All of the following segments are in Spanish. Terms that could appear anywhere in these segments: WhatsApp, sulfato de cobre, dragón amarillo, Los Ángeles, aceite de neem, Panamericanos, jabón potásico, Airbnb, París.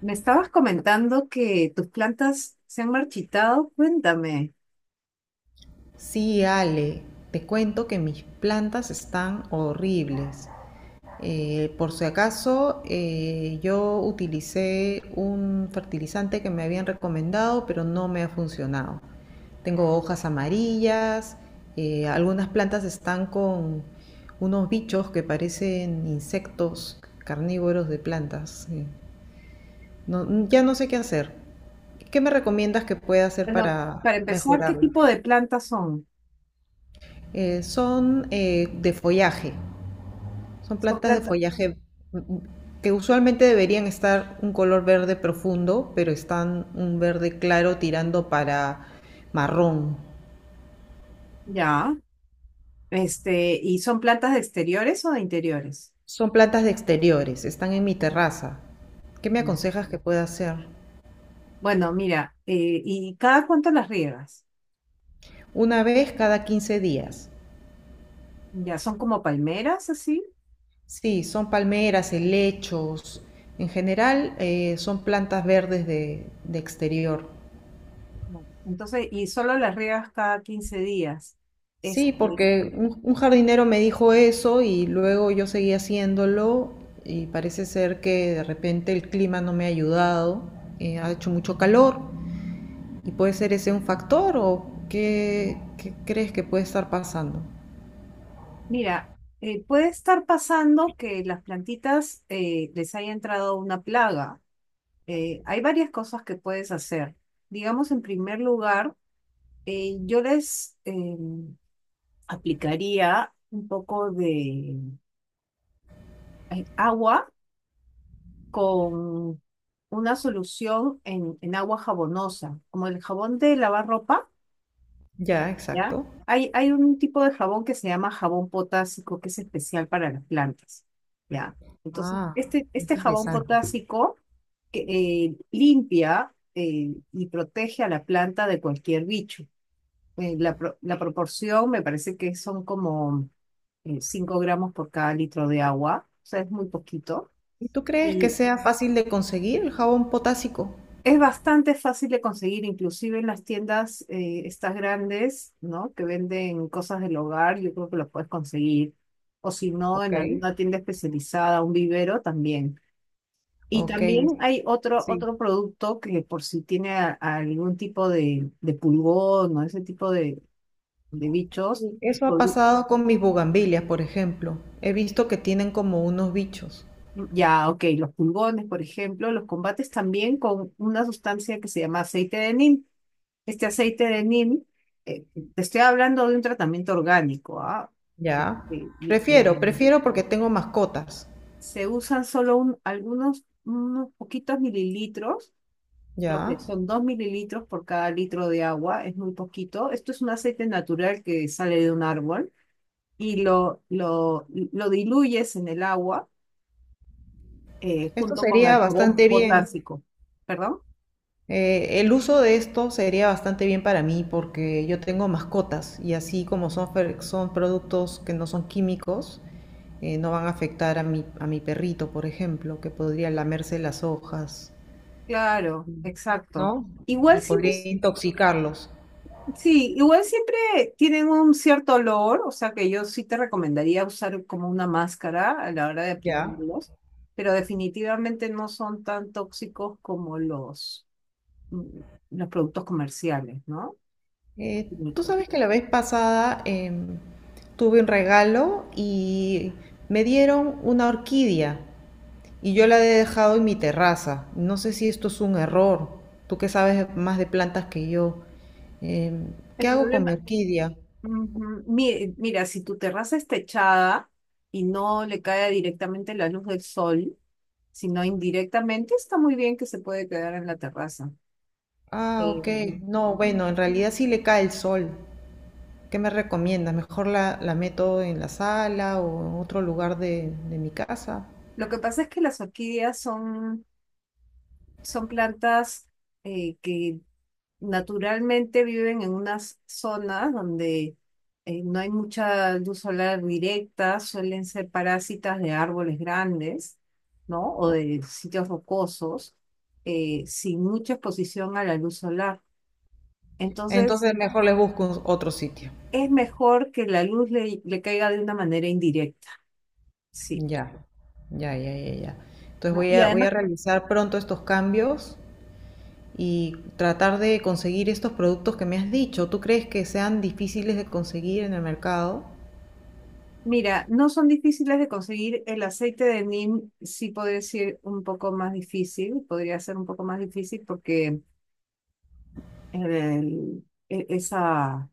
Me estabas comentando que tus plantas se han marchitado. Cuéntame. Sí, Ale, te cuento que mis plantas están horribles. Por si acaso, yo utilicé un fertilizante que me habían recomendado, pero no me ha funcionado. Tengo hojas amarillas, algunas plantas están con unos bichos que parecen insectos carnívoros de plantas. Ya no sé qué hacer. ¿Qué me recomiendas que pueda hacer Bueno, para para empezar, ¿qué mejorarlo? tipo de plantas son? Son de follaje, son Son plantas de plantas, follaje. mm, mm, que usualmente deberían estar un color verde profundo, pero están un verde claro tirando para marrón. ya, ¿y son plantas de exteriores o de interiores? Son plantas de exteriores, están en mi terraza. ¿Qué me Mm. aconsejas que pueda hacer? Bueno, mira, ¿y cada cuánto las riegas? Una vez cada 15 días. Ya, son como palmeras, así. Sí, son palmeras, helechos. En general, son plantas verdes de exterior. No. Entonces, y solo las riegas cada 15 días. Sí, Este, porque un jardinero me dijo eso y luego yo seguí haciéndolo y parece ser que de repente el clima no me ha ayudado, ha hecho mucho calor y puede ser ese un factor o qué crees que puede estar pasando. mira, puede estar pasando que las plantitas les haya entrado una plaga. Hay varias cosas que puedes hacer. Digamos, en primer lugar, eh, yo les em, aplicaría un poco de agua con una solución en agua jabonosa, como el jabón de lavar ropa. Ya, ¿Ya? exacto. Hay un tipo de jabón que se llama jabón potásico, que es especial para las plantas, ¿ya? Entonces, Ah, qué este jabón interesante. potásico que, limpia y protege a la planta de cualquier bicho. La proporción me parece que son como 5 gramos por cada litro de agua, o sea, es muy poquito. ¿Y tú crees que sea fácil de conseguir el jabón potásico? Es bastante fácil de conseguir, inclusive en las tiendas estas grandes, ¿no? Que venden cosas del hogar, yo creo que los puedes conseguir. O si no, Ok. en alguna tienda especializada, un vivero también. Y Ok, también hay sí. otro producto que por si tiene a algún tipo de pulgón o ese tipo de bichos. Sí, eso ha pol- pasado con mis bugambilias, por ejemplo. He visto que tienen como unos bichos. Ya, ok, los pulgones, por ejemplo, los combates también con una sustancia que se llama aceite de neem. Este aceite de neem, eh, te estoy hablando de un tratamiento orgánico, ¿ah? Ya. Y- y- Prefiero, y prefiero porque tengo mascotas. se usan solo algunos, unos poquitos mililitros, creo que Ya. son 2 mililitros por cada litro de agua, es muy poquito. Esto es un aceite natural que sale de un árbol y lo diluyes en el agua Esto junto con el sería jabón bastante bien. potásico. ¿Perdón? El uso de esto sería bastante bien para mí porque yo tengo mascotas y así como son, son productos que no son químicos, no van a afectar a mi perrito, por ejemplo, que podría lamerse las hojas, Claro, exacto. ¿no? Igual Y siempre, podría intoxicarlos. sí, igual siempre tienen un cierto olor, o sea que yo sí te recomendaría usar como una máscara a la hora de Ya. aplicarlos, pero definitivamente no son tan tóxicos como mm, los productos comerciales, ¿no? Tú Químicos. sabes que la vez pasada tuve un regalo y me dieron una orquídea y yo la he dejado en mi terraza. No sé si esto es un error. Tú que sabes más de plantas que yo. Em, El ¿Qué hago con mi problema, orquídea? Mira, si tu terraza está techada y no le cae directamente la luz del sol, sino indirectamente, está muy bien que se puede quedar en la terraza. Ah, Eh, ok. No, ujú. bueno, en realidad sí le cae el sol. ¿Qué me recomiendas? ¿Mejor la meto en la sala o en otro lugar de mi casa? Lo que pasa es que las orquídeas son son plantas que naturalmente viven en unas zonas donde no hay mucha luz solar directa, suelen ser parásitas de árboles grandes, ¿no? O Ok. de sitios rocosos, sin mucha exposición a la luz solar. Entonces, Entonces mejor le busco otro sitio. es mejor que la luz le caiga de una manera indirecta, sí, Ya, ya, ya, ya, ya. Entonces ¿no? Y voy además a realizar pronto estos cambios y tratar de conseguir estos productos que me has dicho. ¿Tú crees que sean difíciles de conseguir en el mercado? mira, no son difíciles de conseguir. El aceite de neem sí podría ser un poco más difícil, podría ser un poco más difícil porque el- e- esa,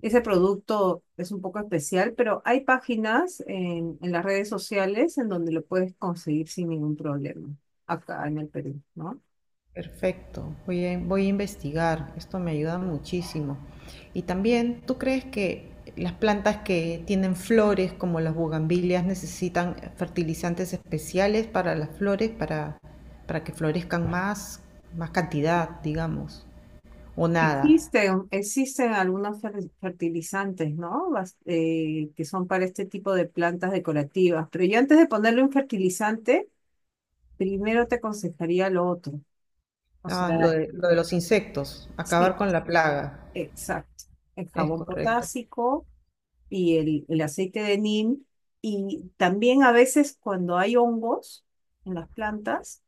ese producto es un poco especial, pero hay páginas en las redes sociales en donde lo puedes conseguir sin ningún problema, acá en el Perú, ¿no? Perfecto, voy a investigar. Esto me ayuda muchísimo. Y también, ¿tú crees que las plantas que tienen flores, como las bugambilias, necesitan fertilizantes especiales para las flores, para que florezcan más, más cantidad, digamos? ¿O nada? Existen, existen algunos fertilizantes, ¿no? Que son para este tipo de plantas decorativas, pero yo antes de ponerle un fertilizante, primero te aconsejaría lo otro. O Ah, sea, lo de los insectos, acabar sí, con la plaga, exacto. El es jabón correcto. potásico y el aceite de neem. Y también a veces cuando hay hongos en las plantas,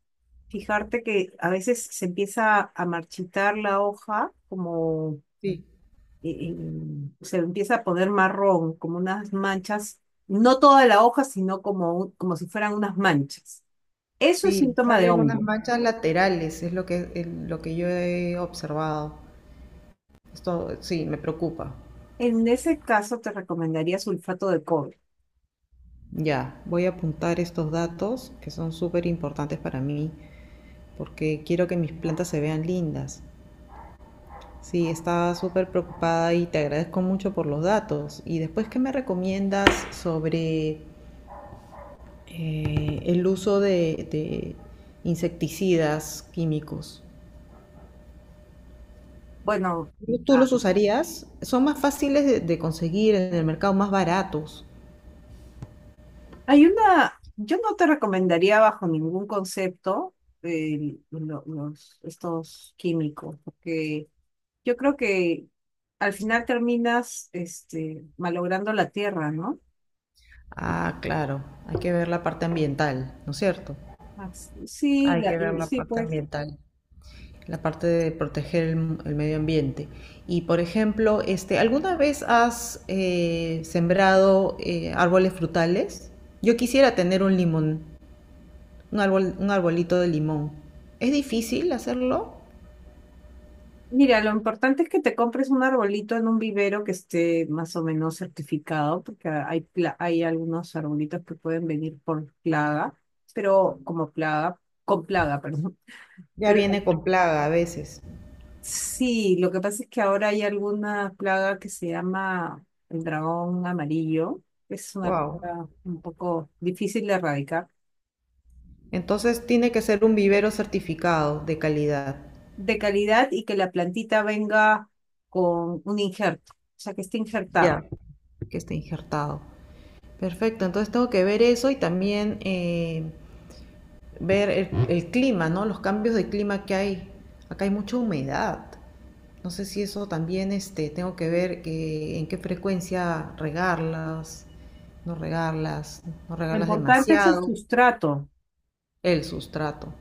fijarte que a veces se empieza a marchitar la hoja, como Sí, eh, eh, se empieza a poner marrón, como unas manchas, no toda la hoja, sino como, como si fueran unas manchas. Eso es sí, síntoma de salen unas hongo. manchas laterales, es lo que, lo que yo he observado. Esto sí, me preocupa. En ese caso te recomendaría sulfato de cobre. Ya, voy a apuntar estos datos que son súper importantes para mí, porque quiero que mis plantas se vean lindas. Sí, estaba súper preocupada y te agradezco mucho por los datos. ¿Y después qué me recomiendas sobre el uso de insecticidas químicos? Bueno, ¿Tú ah, los usarías? Son más fáciles de conseguir en el mercado, más baratos. hay una, yo no te recomendaría bajo ningún concepto estos químicos, porque yo creo que al final terminas este, malogrando la tierra, ¿no? Ah, claro, hay que ver la parte ambiental, ¿no es cierto? Sí, Hay que ver la sí, parte pues. ambiental, la parte de proteger el medio ambiente. Y por ejemplo, este, ¿alguna vez has sembrado árboles frutales? Yo quisiera tener un limón, un árbol, un arbolito de limón. ¿Es difícil hacerlo? Mira, lo importante es que te compres un arbolito en un vivero que esté más o menos certificado, porque hay algunos arbolitos que pueden venir por plaga, pero como plaga, con plaga, perdón. Ya Pero viene con plaga a veces. sí, lo que pasa es que ahora hay alguna plaga que se llama el dragón amarillo. Es una Wow. plaga un poco difícil de erradicar. Entonces tiene que ser un vivero certificado de calidad. De calidad y que la plantita venga con un injerto, o sea, que esté Ya, injertado. que esté injertado. Perfecto, entonces tengo que ver eso y también ver el clima, ¿no? Los cambios de clima que hay. Acá hay mucha humedad. No sé si eso también este, tengo que ver que, en qué frecuencia regarlas, no regarlas, no Lo regarlas importante es el demasiado. sustrato. El sustrato,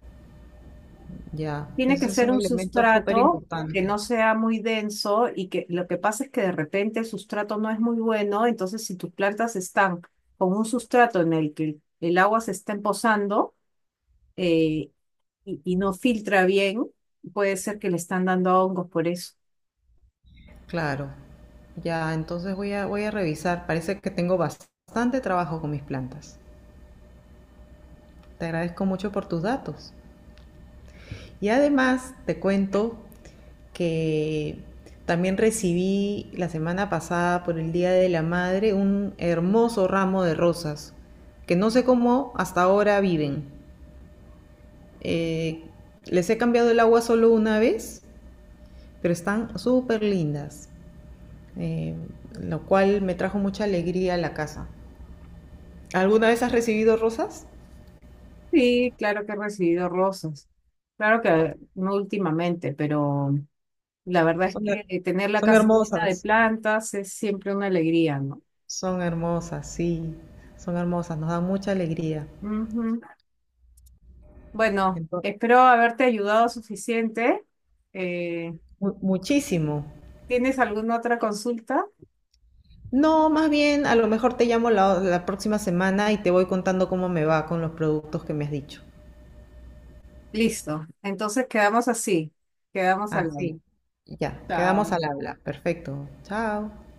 ya. Tiene que Ese es ser un un elemento súper sustrato que importante. no sea muy denso y que lo que pasa es que de repente el sustrato no es muy bueno, entonces si tus plantas están con un sustrato en el que el agua se está empozando, eh, y no filtra bien, puede ser que le están dando hongos por eso. Claro. Ya, entonces voy a revisar. Parece que tengo bastante trabajo con mis plantas. Te agradezco mucho por tus datos. Y además te cuento que también recibí la semana pasada por el Día de la Madre un hermoso ramo de rosas que no sé cómo hasta ahora viven. Eh, Les he cambiado el agua solo una vez, pero están súper lindas, eh, lo cual me trajo mucha alegría a la casa. ¿Alguna vez has recibido rosas? Sí, claro que he recibido rosas. Claro que no últimamente, pero la verdad es Son, her- que tener la Son casa llena de hermosas. plantas es siempre una alegría, ¿no? Son hermosas, sí, son hermosas, nos dan mucha alegría, Ujú. Bueno, entonces espero haberte ayudado suficiente. Eh, muchísimo. ¿Tienes alguna otra consulta? No, más bien, a lo mejor te llamo la próxima semana y te voy contando cómo me va con los productos que me has dicho. Listo. Entonces quedamos así. Quedamos al Ah, habla. sí. Ya, quedamos Chao. al habla. Perfecto. Chao.